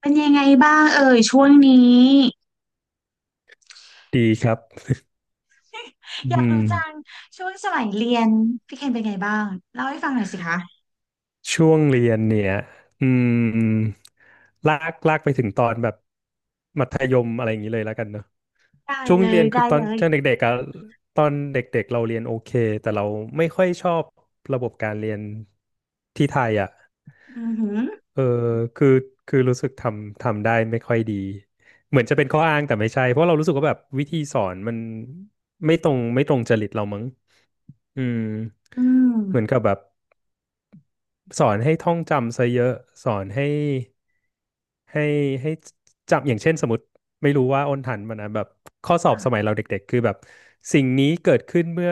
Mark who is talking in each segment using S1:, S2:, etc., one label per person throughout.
S1: เป็นยังไงบ้างเอ่ยช่วงนี้
S2: ดีครับ
S1: อยา
S2: อื
S1: ก
S2: ม
S1: รู้จังช่วงสมัยเรียนพี่เคนเป็นไงบ้างเล่าให้ฟังหน่อยสิคะ
S2: ช่วงเรียนเนี่ยอืมลากไปถึงตอนแบบมัธยมอะไรอย่างนี้เลยแล้วกันเนอะ
S1: ได้
S2: ช่วง
S1: เล
S2: เรี
S1: ย
S2: ยนคื
S1: ได้
S2: อตอน
S1: เลย
S2: ช่วงเด็กๆอะตอนเด็กๆเราเรียนโอเคแต่เราไม่ค่อยชอบระบบการเรียนที่ไทยอ่ะ
S1: อือหือ
S2: เออคือคือรู้สึกทำได้ไม่ค่อยดีเหมือนจะเป็นข้ออ้างแต่ไม่ใช่เพราะเรารู้สึกว่าแบบวิธีสอนมันไม่ตรงจริตเรามั้งอืม
S1: อืม
S2: เหมือนกับแบบ สอนให้ท่องจำซะเยอะสอนให้ให้ให้จำอย่างเช่นสมมติไม่รู้ว่าอ้นทันมันนะแบบข้อสอบ
S1: ค่ะ
S2: สมัยเราเด็กๆคือแบบสิ่งนี้เกิดขึ้นเมื่อ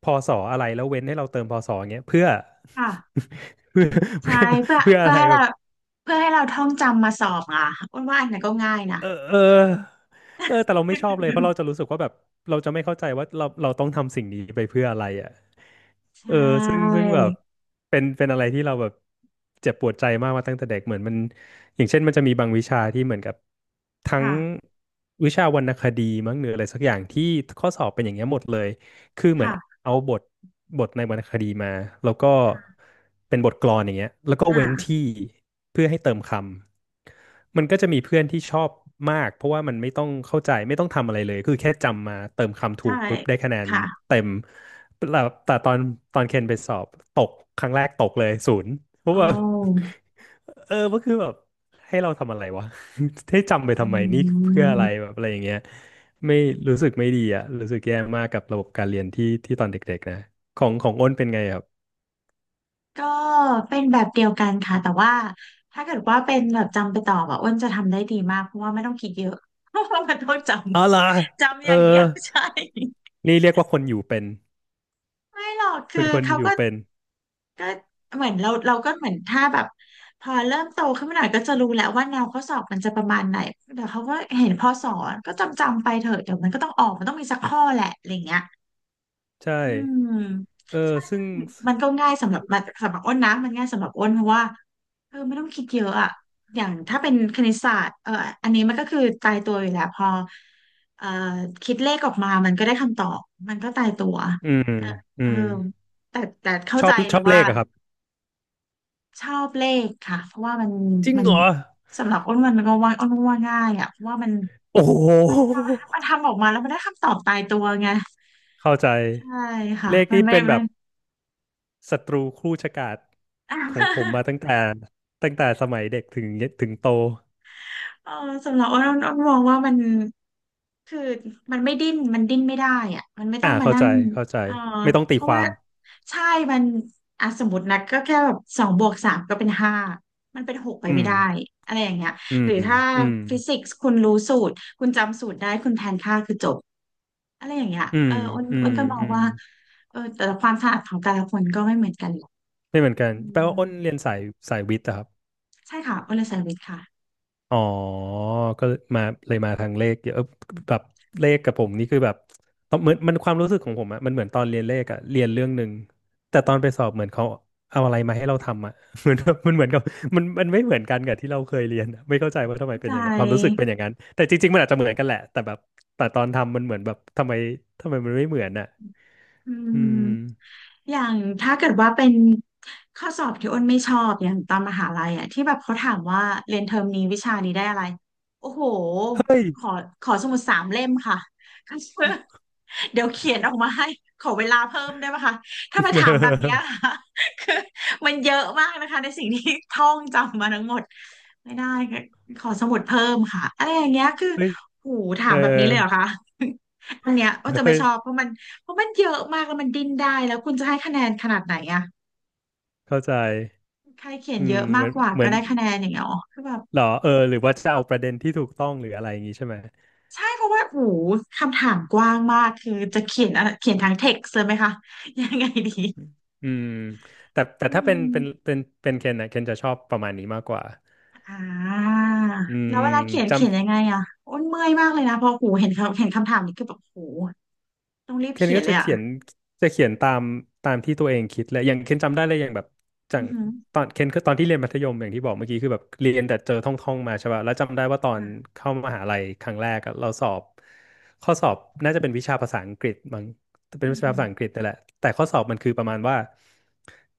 S2: พศอะไรแล้วเว้นให้เราเติมพศอย่างเงี้ยเพื่อ
S1: ค่ะ
S2: เพื่อ
S1: ใช่
S2: เพื่อ
S1: เพื่อ
S2: เพื่อ
S1: เพื่
S2: อะ
S1: อ
S2: ไร
S1: ให้
S2: แบ
S1: เรา
S2: บ
S1: เพื่อให้เราท่องจำมาสอบอ่ะอ้วนว่าอันไหนั้นก็ง่ายนะ
S2: เออเออเออแต่เราไม่ชอบเลยเพราะ เราจะรู้สึกว่าแบบเราจะไม่เข้าใจว่าเราต้องทำสิ่งนี้ไปเพื่ออะไรอ่ะ
S1: ใช
S2: เออซึ่ง
S1: ่
S2: ซึ่งแบบเป็นอะไรที่เราแบบเจ็บปวดใจมากมาตั้งแต่เด็กเหมือนมันอย่างเช่นมันจะมีบางวิชาที่เหมือนกับทั้ง
S1: ค่ะ
S2: วิชาวรรณคดีมั้งหรืออะไรสักอย่างที่ข้อสอบเป็นอย่างเงี้ยหมดเลยคือเหมือน
S1: ค่ะ
S2: เอาบทในวรรณคดีมาแล้วก็เป็นบทกลอนอย่างเงี้ยแล้วก็เว้น
S1: อ่า
S2: ที่เพื่อให้เติมคำมันก็จะมีเพื่อนที่ชอบมากเพราะว่ามันไม่ต้องเข้าใจไม่ต้องทำอะไรเลยคือแค่จำมาเติมคำถู
S1: ใช่
S2: กปุ๊บได้คะแนน
S1: ค่ะ
S2: เต็ม แต่แต่ตอนเคนไปสอบตกครั้งแรกตกเลยศูนย์เพ
S1: โอ
S2: ราะว่า
S1: ้
S2: เออก็คือแบบให้เราทำอะไรวะ ให้จำไปทำไมนี่
S1: อื
S2: เพื่ออะไร
S1: ม
S2: แบบอะไรอย่างเงี้ยไม่รู้สึกไม่ดีอะรู้สึกแย่มากกับระบบการเรียนที่ตอนเด็กๆนะของอ้นเป็นไงครับ
S1: ก็เป็นแบบเดียวกันค่ะแต่ว่าถ้าเกิดว่าเป็นแบบจำไปตออ่ะอ้วนจะทำได้ดีมากเพราะว่าไม่ต้องคิดเยอะ เพราะว่ามันต้องจ
S2: อ๋อเหรอ
S1: ำจำ
S2: เอ
S1: อ
S2: อ
S1: ย่างเดียวใช่
S2: นี่เรียกว่าคนอยู่เป็น
S1: ไม่หรอก
S2: คุ
S1: คื
S2: ณ
S1: อ
S2: คน
S1: เขา
S2: อยู่
S1: ก็
S2: เป็น
S1: ก็เหมือนเราก็เหมือนถ้าแบบพอเริ่มโตขึ้นมาหน่อยก็จะรู้แล้วว่าแนวข้อสอบมันจะประมาณไหนเดี๋ยวเขาก็เห็นพอสอนก็จำไปเถอะเดี๋ยวมันก็ต้องออกมันต้องมีสักข้อแหละอะไรเงี้ย
S2: ใช่
S1: อืม
S2: เออ
S1: ใช่
S2: ซึ่
S1: ซึ่
S2: ง
S1: งมันก็ง่ายสำหรับอ้นนะ มันง่ายสำหรับอ้นเพราะว่าเออไม่ต้องคิดเยอะอะอย่างถ้าเป็นคณิตศาสตร์เอออันนี้มันก็คือตายตัวอยู่แล้วพอเอ่อคิดเลขออกมา มันก็ได้คำตอบ มันก็ตายตัว
S2: อืม
S1: เออ
S2: อื
S1: เออ
S2: ม
S1: แต่เข้า
S2: ชอ
S1: ใจ
S2: บ
S1: เล
S2: ช
S1: ย
S2: อบเล
S1: ว่า
S2: ขอะครับ
S1: ชอบเลขค่ะเพราะว่ามัน
S2: จริง
S1: มัน
S2: เหรอ
S1: สำหรับอ้นมันก็ว่าอ้นว่าง่ายอะเพราะว่ามัน
S2: โอ้โ
S1: มันทำมัน
S2: ห
S1: ทำออกมาแล้วมันได้คำตอบตายตัวไง
S2: เข้าใจ
S1: ใช่ค่ะ
S2: เลข
S1: มัน
S2: นี้
S1: ไม่
S2: เป็นแบ
S1: มั
S2: บ
S1: น
S2: ศัตรูคู่ชะกาจ
S1: อ่
S2: ของผม
S1: ะ
S2: มาตั้งแต่ตั้งแต่สมัยเด็กถึงถึงโต
S1: เออสำหรับอ้นมองว่ามันคือมันไม่ดิ้นมันดิ้นไม่ได้อ่ะมันไม่ต้อ
S2: อ่า
S1: งมา
S2: เข้า
S1: นั่
S2: ใจ
S1: ง
S2: เข้าใจ
S1: เออ
S2: ไม่ต้องตี
S1: เพ
S2: ค
S1: ราะ
S2: วา
S1: ว่า
S2: ม
S1: ใช่มันอ่ะสมมตินะก็แค่แบบสองบวกสามก็เป็นห้ามันเป็นหกไป
S2: อื
S1: ไม่
S2: ม
S1: ได้อะไรอย่างเงี้ย
S2: อื
S1: ห
S2: ม
S1: รือถ้า
S2: อืม
S1: ฟิสิกส์คุณรู้สูตรคุณจำสูตรได้คุณแทนค่าคือจบอะไรอย่างเงี้ย
S2: อื
S1: เอ
S2: ม
S1: ออ้น
S2: อื
S1: อ้น
S2: ม
S1: ก็มอง
S2: อืม
S1: ว่าเออแต่ละความถนัดของแต่ละคนก็ไม่เหมือนกันหรอก
S2: ไม่เหมือนกัน
S1: อื
S2: แปลว่า
S1: ม
S2: อ้นเรียนสายสายวิทย์อะครับ
S1: ใช่ค่ะอ้นเลยเซอร์วิสค่ะ
S2: อ๋อก็มาเลยมาทางเลขเยอะเออแบบเลขกับผมนี่คือแบบตอนเหมือนมันความรู้สึกของผมอะมันเหมือนตอนเรียนเลขอะเรียนเรื่องหนึ่งแต่ตอนไปสอบเหมือนเขาเอาอะไรมาให้เราทำอะ เหมือนแบบมันเหมือนกับมันไม่เหมือนกันกับที่เราเคยเรียนอะไม่เข้าใจว่าทำไม
S1: เข้า
S2: เป็
S1: ใจ
S2: นอย่างนั้นความรู้สึกเป็นอย่างนั้นแต่จริงๆมันอาจจะเหมือนกันแหละแต่แบบแต่ตอนทำมันเหมือนแบบทำไมมันไม่เหมือนอะ
S1: อื
S2: อืม
S1: มอย่างถ้าเกิดว่าเป็นข้อสอบที่อ้นไม่ชอบอย่างตอนมหาลัยอ่ะที่แบบเขาถามว่าเรียนเทอมนี้วิชานี้ได้อะไรโอ้โห
S2: เฮ้ย
S1: ขอขอสมุดสามเล่มค่ะ เดี๋ยวเขียนออกมาให้ขอเวลาเพิ่มได้ไหมคะถ้ามาถามแบบเนี้ย ค่ะ คือมันเยอะมากนะคะในสิ่งที่ท่องจำมาทั้งหมดไม่ได้ค่ะขอสมุดเพิ่มค่ะอะไรอย่างเงี้ยคือ
S2: เฮ้ย
S1: โหูถา
S2: เออ
S1: มแบบนี้เลยเหรอคะอันเนี้ยก็จะ
S2: เฮ้
S1: ไม่
S2: ย
S1: ชอบเพราะมัน เพราะมันเยอะมากแล้วมันดิ้นได้แล้วคุณจะให้คะแนนขนาดไหนอะ
S2: เข้าใจ
S1: ใครเขียน
S2: อื
S1: เย
S2: ม
S1: อะ
S2: เห
S1: มา
S2: มื
S1: ก
S2: อน
S1: กว่า
S2: เหมื
S1: ก็
S2: อน
S1: ได้คะแนนอย่างเงี้ยหรอคือแบบ
S2: หรอเออหรือว่าจะเอาประเด็นที่ถูกต้องหรืออะไรอย่างงี้ใช่ไหม
S1: ใช่เพราะว่าโอ้โหคำถามกว้างมากคือจะเขียนอะไรเขียนทางเท็กซ์เลยไหมคะยังไงดี
S2: อืมแต่
S1: อื
S2: ถ้าเป็น
S1: ม
S2: เป็นเป็นเป็นเคนนะเคนจะชอบประมาณนี้มากกว่า
S1: อ่า
S2: อื
S1: แล้ว
S2: ม
S1: เวลาเขียนเขียน
S2: จำ
S1: ยังไงอะอ้นเมื่อยมากเลยนะเพอหูเห็นเขาเห็นคำถามนี้คือแบบโอ้โหต้องรีบ
S2: เคน
S1: เขีย
S2: ก็
S1: นเล
S2: จะ
S1: ยอะ
S2: เขียนจะเขียนตามที่ตัวเองคิดแหละอย่างเคนจำได้เลยอย่างแบบจั
S1: อื
S2: ง
S1: อหือ
S2: ตอนเคนคือตอนที่เรียนมัธยมอย่างที่บอกเมื่อกี้คือแบบเรียนแต่เจอท่องมาใช่ป่ะแล้วจำได้ว่าตอน
S1: ค่ะ
S2: เข้ามหาลัยครั้งแรกอะเราสอบข้อสอบน่าจะเป็นวิชาภาษาอังกฤษมั้งเป็น
S1: อื
S2: วิ
S1: อ
S2: ชา
S1: หือ
S2: ภาษาอังกฤษนี่แหละแต่ข้อสอบมันคือประมาณว่า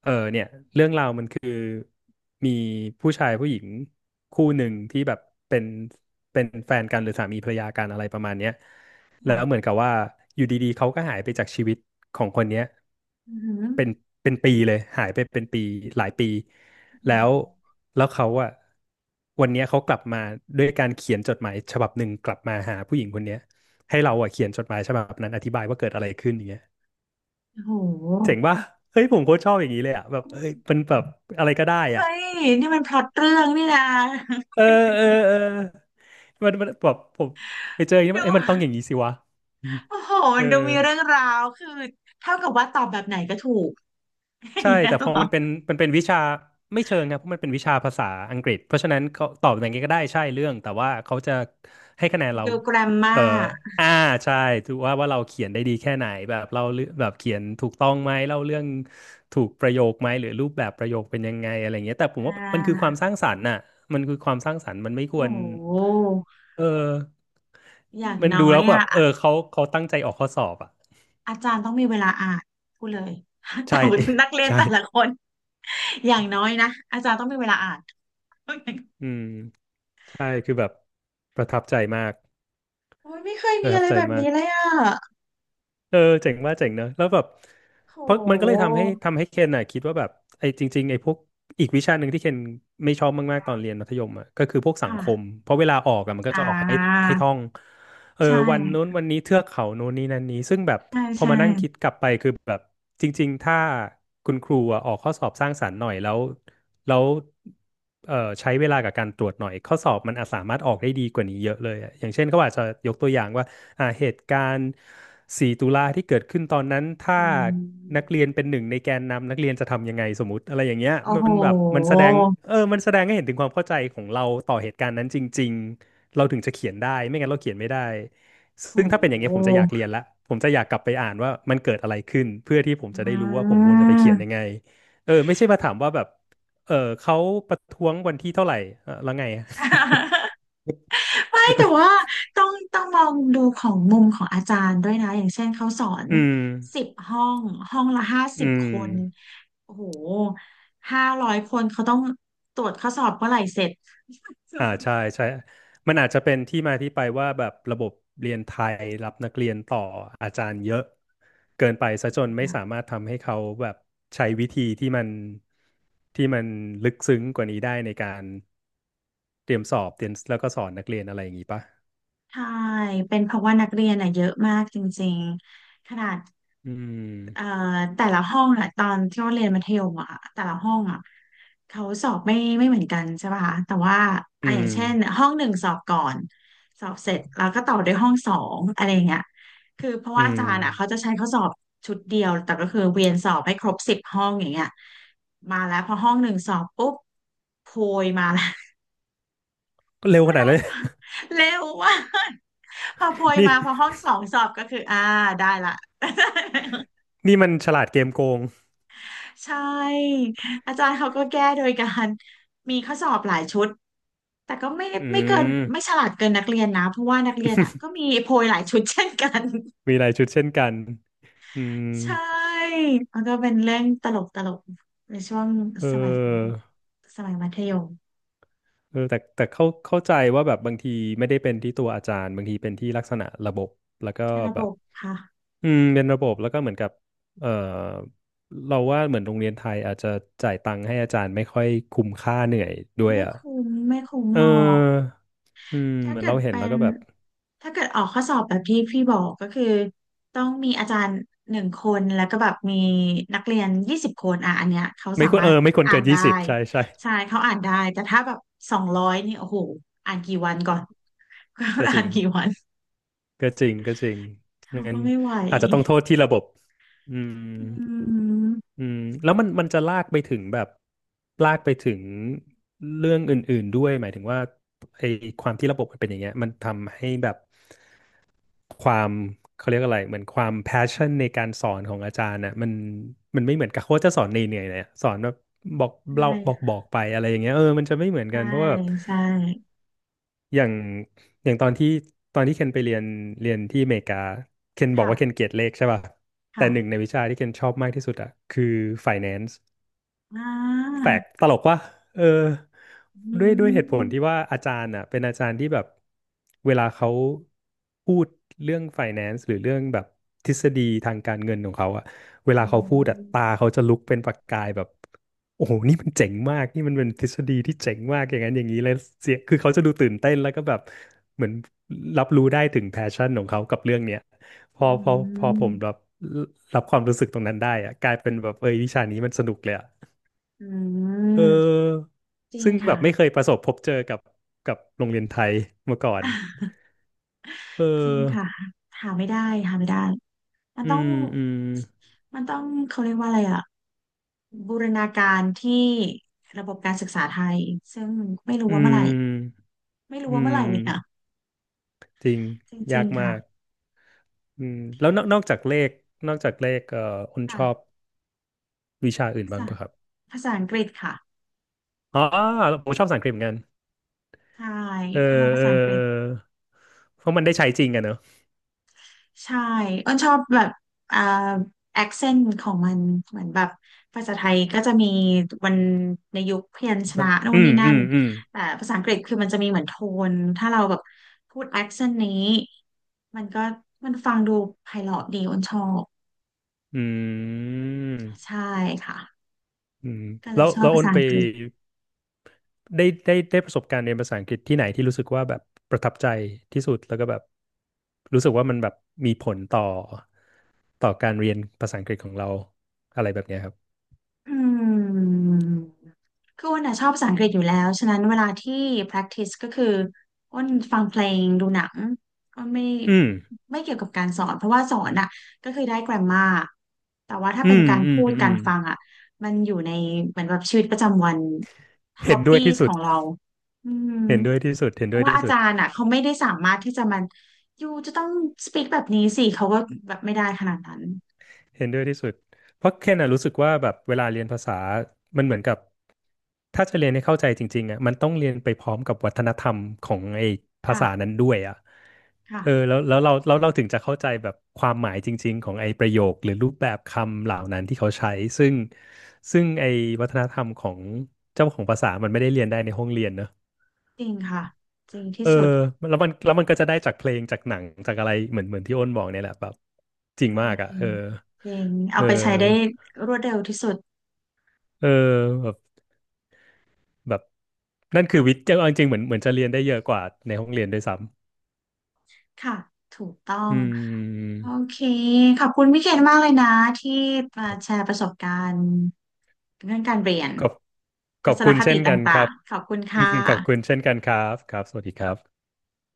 S2: เออเนี่ยเรื่องราวมันคือมีผู้ชายผู้หญิงคู่หนึ่งที่แบบเป็นเป็นแฟนกันหรือสามีภรรยากันอะไรประมาณเนี้ย แล้วเหมือ
S1: ค่ะ
S2: นกับว่าอยู่ดีๆเขาก็หายไปจากชีวิตของคนเนี้ย
S1: อือหือ
S2: เป็นเป็นปีเลยหายไปเป็นปีหลายปี
S1: อือหื
S2: แล้
S1: อ
S2: วแล้วเขาอะวันเนี้ยเขากลับมาด้วยการเขียนจดหมายฉบับหนึ่งกลับมาหาผู้หญิงคนเนี้ยให้เราอะเขียนจดหมายฉบับนั้นอธิบายว่าเกิดอะไรขึ้นอย่างเงี้ย
S1: โอ้โห
S2: เจ๋งป่ะเฮ้ยผมโคตรชอบอย่างนี้เลยอะแบบเอ้ยมันแบบอะไรก็ได้
S1: เฮ้
S2: อ่ะ
S1: ยนี่มันพล็อตเรื่องนี่นะ
S2: เออเออมันแบบผมไปเจออย่างนี้ มั
S1: ดู
S2: นเอ้ยมันต้องอย่างนี้สิวะอืม
S1: โอ้โห
S2: เอ
S1: มั
S2: อ
S1: นดูมีเรื่องราวคือเท่ากับว่าตอบแบบไหนก็ถูก อ
S2: ใช่
S1: ย่างเงี้ย
S2: แต่
S1: เหร
S2: พ
S1: อ
S2: อมันเป็นมันเป็นวิชาไม่เชิงครับเพราะมันเป็นวิชาภาษาอังกฤษเพราะฉะนั้นเขาตอบอย่างไงก็ได้ใช่เรื่องแต่ว่าเขาจะให้คะแนนเรา
S1: ดูแกรมมา
S2: เอ่ออ่าใช่ถือว่าเราเขียนได้ดีแค่ไหนแบบเราเรื่องแบบเขียนถูกต้องไหมเล่าเรื่องถูกประโยคไหมหรือรูปแบบประโยคเป็นยังไงอะไรเงี้ยแต่ผม
S1: อ่
S2: ว่ามันคือค
S1: า
S2: วามสร้างสรรค์น่ะมันคือความสร้างสรรค์มันไม่ค
S1: โอ้
S2: วร
S1: โห
S2: เออ
S1: อย่าง
S2: มัน
S1: น้
S2: ดู
S1: อย
S2: แล้วแบ
S1: อ่ะ
S2: บเอ
S1: อะ
S2: อเขาตั้งใจออกข้อสอบอ่ะ
S1: อาจารย์ต้องมีเวลาอ่าน พูดเลย
S2: ใช่
S1: แต่ ว่านักเรียน
S2: ใช่
S1: แต่ละคนอย่างน้อยนะอาจารย์ต้องมีเวลาอ่าน
S2: อืมใช่คือแบบประทับใจมาก
S1: โอ้ยไม่เคย
S2: ป
S1: มี
S2: ระทั
S1: อะ
S2: บ
S1: ไร
S2: ใจ
S1: แบบ
S2: มา
S1: นี้
S2: ก
S1: เลยอ่ะ
S2: เออเจ๋งว่าเจ๋งเนอะแล้วแบบ
S1: โ
S2: เพราะมันก็เลย
S1: ห
S2: ทำให้เคนน่ะคิดว่าแบบไอ้จริงๆไอ้พวกอีกวิชาหนึ่งที่เคนไม่ชอบมากๆตอนเรียนมัธยมอ่ะก็คือพวกสังคม
S1: ค่ะ
S2: เพราะเวลาออกอ่ะมันก็
S1: อ่
S2: จะออกให้
S1: า
S2: ให้ท่อง เออ
S1: ใช่
S2: วันนู้นวันนี้เทือกเขาโน้นนี้นั่นนี้ซึ่งแบบ
S1: ใช่
S2: พอ
S1: ใช่
S2: มานั่งคิดกลับไปคือแบบจริงๆถ้าคุณครูอะออกข้อสอบสร้างสรรค์หน่อยแล้วแล้วเออใช้เวลากับการตรวจหน่อยข้อสอบมันอาจสามารถออกได้ดีกว่านี้เยอะเลยอะอย่างเช่นเขาอาจจะยกตัวอย่างว่าอ่าเหตุการณ์สี่ตุลาที่เกิดขึ้นตอนนั้นถ้า
S1: อื
S2: นัก
S1: ม
S2: เรียนเป็นหนึ่งในแกนนำนักเรียนจะทำยังไงสมมติอะไรอย่างเงี้ย
S1: โอ้
S2: มั
S1: โห
S2: นแบบมันแสดงเออมันแสดงให้เห็นถึงความเข้าใจของเราต่อเหตุการณ์นั้นจริง เราถึงจะเขียนได้ไม่งั้นเราเขียนไม่ได้
S1: โ
S2: ซึ่งถ้าเป็นอย่างเงี้ยผม
S1: ห
S2: จะอยากเรียนละผมจะอยากกลับไปอ่านว่ามันเกิดอะไรขึ้นเพื่อที่ผมจะ
S1: อื
S2: ได้รู้ว่าผมควรจะไปเขียนยั
S1: ม
S2: งไงเออไม่ใช่มาถามว่าแบบเออเขาประท้วงวันที่เท่าไหร่เออแล้วไงอะ
S1: ไม่แต่ว่าต้องมองดูของมุมของอาจารย์ด้วยนะอย่างเช่นเขาสอน
S2: อืม
S1: สิบห้องห้องละห้าสิ
S2: อื
S1: บ
S2: ม
S1: คนโอ้โห500 คนเขาต้องตรวจข้อสอบเมื่อไหร่เสร็จ
S2: อ่าใช่ใช่มันอาจจะเป็นที่มาที่ไปว่าแบบระบบเรียนไทยรับนักเรียนต่ออาจารย์เยอะเกินไปซะจนไม่สามารถทำให้เขาแบบใช้วิธีที่มันที่มันลึกซึ้งกว่านี้ได้ในการเตรียมสอบเตรียมแล้วก็สอนนักเรียนอะไรอย่างนี้ปะ
S1: ใช่เป็นเพราะว่านักเรียนอ่ะเยอะมากจริงๆขนาด
S2: อื
S1: เอ่อ
S2: ม
S1: แต่ละห้องอะตอนที่เราเรียนมัธยมอะแต่ละห้องอะเขาสอบไม่เหมือนกันใช่ป่ะคะแต่ว่า
S2: อื
S1: อ่ะอย่าง
S2: ม
S1: เช่นห้องหนึ่งสอบก่อนสอบเสร็จแล้วก็ต่อด้วยห้องสองอะไรอย่างเงี้ยคือเพราะว่า
S2: อื
S1: อาจา
S2: ม
S1: รย์อะเขาจะใช้ข้อสอบชุดเดียวแต่ก็คือเวียนสอบให้ครบสิบห้องอย่างเงี้ยมาแล้วพอห้องหนึ่งสอบปุ๊บโพยมาแล้ว
S2: ก็เร็ว
S1: ก็
S2: ขนาด
S1: ได้
S2: เลย
S1: ค่ะเร็วว่าก พอโพย
S2: นี่
S1: มาพอห้องสองสอบก็คืออ่าได้ละ
S2: นี่มันฉลาดเกมโกง
S1: ใช่อาจารย์เขาก็แก้โดยการมีข้อสอบหลายชุดแต่ก็ไม่
S2: อื
S1: ไม่เกิน
S2: ม
S1: ไม่ฉลาดเกินนักเรียนนะเพราะว่านักเรียนอ่ะก็ มีโพยหลายชุดเช่นกัน
S2: มีรายชุดเช่นกันอืม
S1: ใช่มันก็เป็นเรื่องตลกตลกในช่วง
S2: เอ
S1: สมัย
S2: อ
S1: มัธยม
S2: เออแต่แต่เข้าเข้าใจว่าแบบบางทีไม่ได้เป็นที่ตัวอาจารย์บางทีเป็นที่ลักษณะระบบแล้วก็
S1: ในระ
S2: แบ
S1: บ
S2: บ
S1: บค่ะ
S2: อืมเป็นระบบแล้วก็เหมือนกับเออเราว่าเหมือนโรงเรียนไทยอาจจะจ่ายตังค์ให้อาจารย์ไม่ค่อยคุ้มค่าเหนื่อยด้วย
S1: ไม่
S2: อ่ะ
S1: คุ้มไม่คุ้ม
S2: เออ
S1: หรอก
S2: อืม
S1: ถ้า
S2: เหมือน
S1: เกิ
S2: เรา
S1: ด
S2: เห็น
S1: เป็
S2: แล้ว
S1: น
S2: ก็แบบ
S1: ถ้าเกิดออกข้อสอบแบบที่พี่บอกก็คือต้องมีอาจารย์หนึ่งคนแล้วก็แบบมีนักเรียน20 คนอ่ะอันเนี้ยเขา
S2: ไม่
S1: สา
S2: ควร
S1: มา
S2: เอ
S1: รถ
S2: อไม่ควร
S1: อ่า
S2: เกิ
S1: น
S2: นยี่
S1: ได้
S2: สิบใช่ใช่
S1: ใช่เขาอ่านได้แต่ถ้าแบบ200นี่โอ้โหอ่านกี่วันก่อน ก็
S2: ก็จ
S1: อ่า
S2: ริ
S1: น
S2: ง
S1: กี่วัน
S2: ก็จริง
S1: เรา
S2: งั้
S1: ก็
S2: น
S1: ไม่ไหว
S2: อาจจะต้องโทษที่ระบบอืม
S1: อืม
S2: อืมแล้วมันมันจะลากไปถึงแบบลากไปถึงเรื่องอื่นๆด้วยหมายถึงว่าไอ้ความที่ระบบมันเป็นอย่างเงี้ยมันทำให้แบบความเขาเรียกอะไรเหมือนความ passion ในการสอนของอาจารย์นะมันมันไม่เหมือนกับโค้ชจะสอนเหนื่อยๆเลยอะสอนแบบบอกเรา
S1: ใช่
S2: บอกบอ
S1: ค่ะ
S2: กไปอะไรอย่างเงี้ยเออมันจะไม่เหมือนกั
S1: ใช่
S2: นเพราะว่าแบบ
S1: ใช่
S2: อย่างอย่างตอนที่ตอนที่เคนไปเรียนเรียนที่อเมริกาเคนบอก
S1: ค่ะ
S2: ว่าเคนเกลียดเลขใช่ป่ะแต่
S1: ค่ะ
S2: หนึ่งในวิชาที่เคนชอบมากที่สุดอะคือ finance
S1: อ่
S2: แปล
S1: า
S2: กตลกว่าเออ
S1: อื
S2: ด้วยเหตุผลที่
S1: ม
S2: ว่าอาจารย์อ่ะเป็นอาจารย์ที่แบบเวลาเขาพูดเรื่อง finance หรือเรื่องแบบทฤษฎีทางการเงินของเขาอ่ะเว
S1: อื
S2: ลาเขาพูดอ่ะตา
S1: ม
S2: เขาจะลุกเป็นประกายแบบโอ้โหนี่มันเจ๋งมากนี่มันเป็นทฤษฎีที่เจ๋งมากอย่างนั้นอย่างนี้เลยเสียคือเขาจะดูตื่นเต้นแล้วก็แบบเหมือนรับรู้ได้ถึงแพชชั่นของเขากับเรื่องเนี้ยพอ
S1: อื
S2: พอพอผมรับ
S1: ม
S2: รับความรู้สึกตรงนั้นได้อะกลายเป็นแบบเอยวิชานี้มันสนุกเลยอะ
S1: อื
S2: เ
S1: ม
S2: ออ
S1: จริง
S2: ซึ่งแบ
S1: ค่ะ
S2: บไม่เคยประสบพบเจอกับกับโรงเรียนไทยมาก่อน เอ
S1: จริงค่ะ
S2: อ
S1: หาไม่ได้หาไม่ได้มัน
S2: อื
S1: ต้อง
S2: มอืม
S1: มันต้องเขาเรียกว่าอะไรอะบูรณาการที่ระบบการศึกษาไทยซึ่งไม่รู้
S2: อื
S1: ว่าเมื่อไหร่
S2: ม
S1: ไม่รู้
S2: อื
S1: ว่าเมื่อไห
S2: ม
S1: ร่เลยค่ะ
S2: จริง
S1: จริ
S2: ยา
S1: ง
S2: ก
S1: ๆค่ะ
S2: มาก อืม แล้วนอกนอกจากเลข นอกจากเลขคุณช
S1: ค่ะ
S2: อบวิชาอื่น
S1: ภา
S2: บ้าง
S1: ษา
S2: ปะครับ
S1: ภาษาอังกฤษค่ะ
S2: อ๋อผมชอบภาษาอังกฤษเหมือนกัน
S1: ใช่
S2: เออ
S1: เราภา
S2: เออ
S1: ษาอังก
S2: เอ
S1: ฤษ
S2: อ เพราะมันได้ใช้จริงอะเนอะ
S1: ใช่อ้นชอบแบบอ่าแอคเซนต์ของมันเหมือนแบบภาษาไทยก็จะมีวันในยุคพยัญช
S2: มั
S1: นะ
S2: น
S1: นู่น
S2: อื
S1: นี่
S2: ม
S1: นั่
S2: อื
S1: น
S2: มอืม
S1: แต่ภาษาอังกฤษคือมันจะมีเหมือนโทนถ้าเราแบบพูดแอคเซนต์นี้มันก็มันฟังดูไพเราะดีอ้นชอบ
S2: อืม
S1: ใช่ค่ะ
S2: อืม
S1: ก็เล
S2: แล้
S1: ย
S2: ว
S1: ชอบภา
S2: อ้น
S1: ษา
S2: ไป
S1: อังกฤษ
S2: ได้ได้ประสบการณ์เรียนภาษาอังกฤษที่ไหนที่รู้สึกว่าแบบประทับใจที่สุดแล้วก็แบบรู้สึกว่ามันแบบมีผลต่อต่อการเรียนภาษาอังกฤษของเราอะไรแบบเนี้ยครับ
S1: อืมคืออ้นอะชอบภาษาอังกฤษอยู่แล้วฉะนั้นเวลาที่ practice ก็คืออ้นฟังเพลงดูหนังอ้นไม่
S2: อืม
S1: ไม่เกี่ยวกับการสอนเพราะว่าสอนอ่ะก็คือได้ grammar แต่ว่าถ้า
S2: อื
S1: เป็น
S2: ม
S1: การ
S2: อืม
S1: พูด
S2: อื
S1: การ
S2: ม
S1: ฟังอ่ะมันอยู่ในเหมือนแบบชีวิตประจำวัน
S2: เห็นด้วยที่
S1: hobbies
S2: สุ
S1: ข
S2: ด
S1: องเราอืม
S2: เห็นด้วยที่สุดเห็น
S1: เพ
S2: ด้ว
S1: ราะ
S2: ย
S1: ว่า
S2: ที่
S1: อา
S2: สุด
S1: จารย์อ่ะเขาไม่ได้สามารถที่จะมันอยู่จะต้อง speak แบบนี้สิเขาก็แบบไม่ได้ขนาดนั้น
S2: เห็นด้วยที่สุดเพราะแค่น่ะรู้สึกว่าแบบเวลาเรียนภาษามันเหมือนกับถ้าจะเรียนให้เข้าใจจริงๆอ่ะมันต้องเรียนไปพร้อมกับวัฒนธรรมของไอ้ภาษานั้
S1: ค่ะ
S2: นด้วยอ่ะ เออ
S1: ค่ะ
S2: แล้วเราถึงจะเข้าใจแบบความหมายจริงๆของไอ้ประโยคหรือรูปแบบคำเหล่านั้นที่เขาใช้ซึ่งไอ้วัฒนธรรมของเจ้าของภาษามันไม่ได้เรียนได้ในห้องเรียนเนอะ
S1: จริงค่ะจริงที่
S2: เออ
S1: สุด
S2: แล้วมันก็จะได้จากเพลงจากหนังจากอะไรเหมือนที่อ้นบอกเนี่ยแหละแบบจริงมากอ่ะ
S1: ใช่
S2: เออ
S1: จริงเอา
S2: เอ
S1: ไปใช้ได้
S2: อ
S1: รวดเร็วที่สุด
S2: เออแบบแบบนั่นคือวิทย์เอาจริงๆเหมือนจะเรียนได้เยอะกว่าในห้องเรียนด้วยซ้
S1: ค่ะถูกต้อ
S2: ำ
S1: ง
S2: อืม
S1: โอเคขอบคุณพี่เคนมากเลยนะที่มาแชร์ประสบการณ์เรื่องการเรียน
S2: ขอบข
S1: ทั
S2: อบ
S1: ศน
S2: คุณ
S1: ค
S2: เช่
S1: ติ
S2: น
S1: ต
S2: กันค
S1: ่า
S2: รั
S1: ง
S2: บ
S1: ๆขอบคุณค่ะ
S2: ขอบคุณเช่นกันครับครับสวัสดีครับ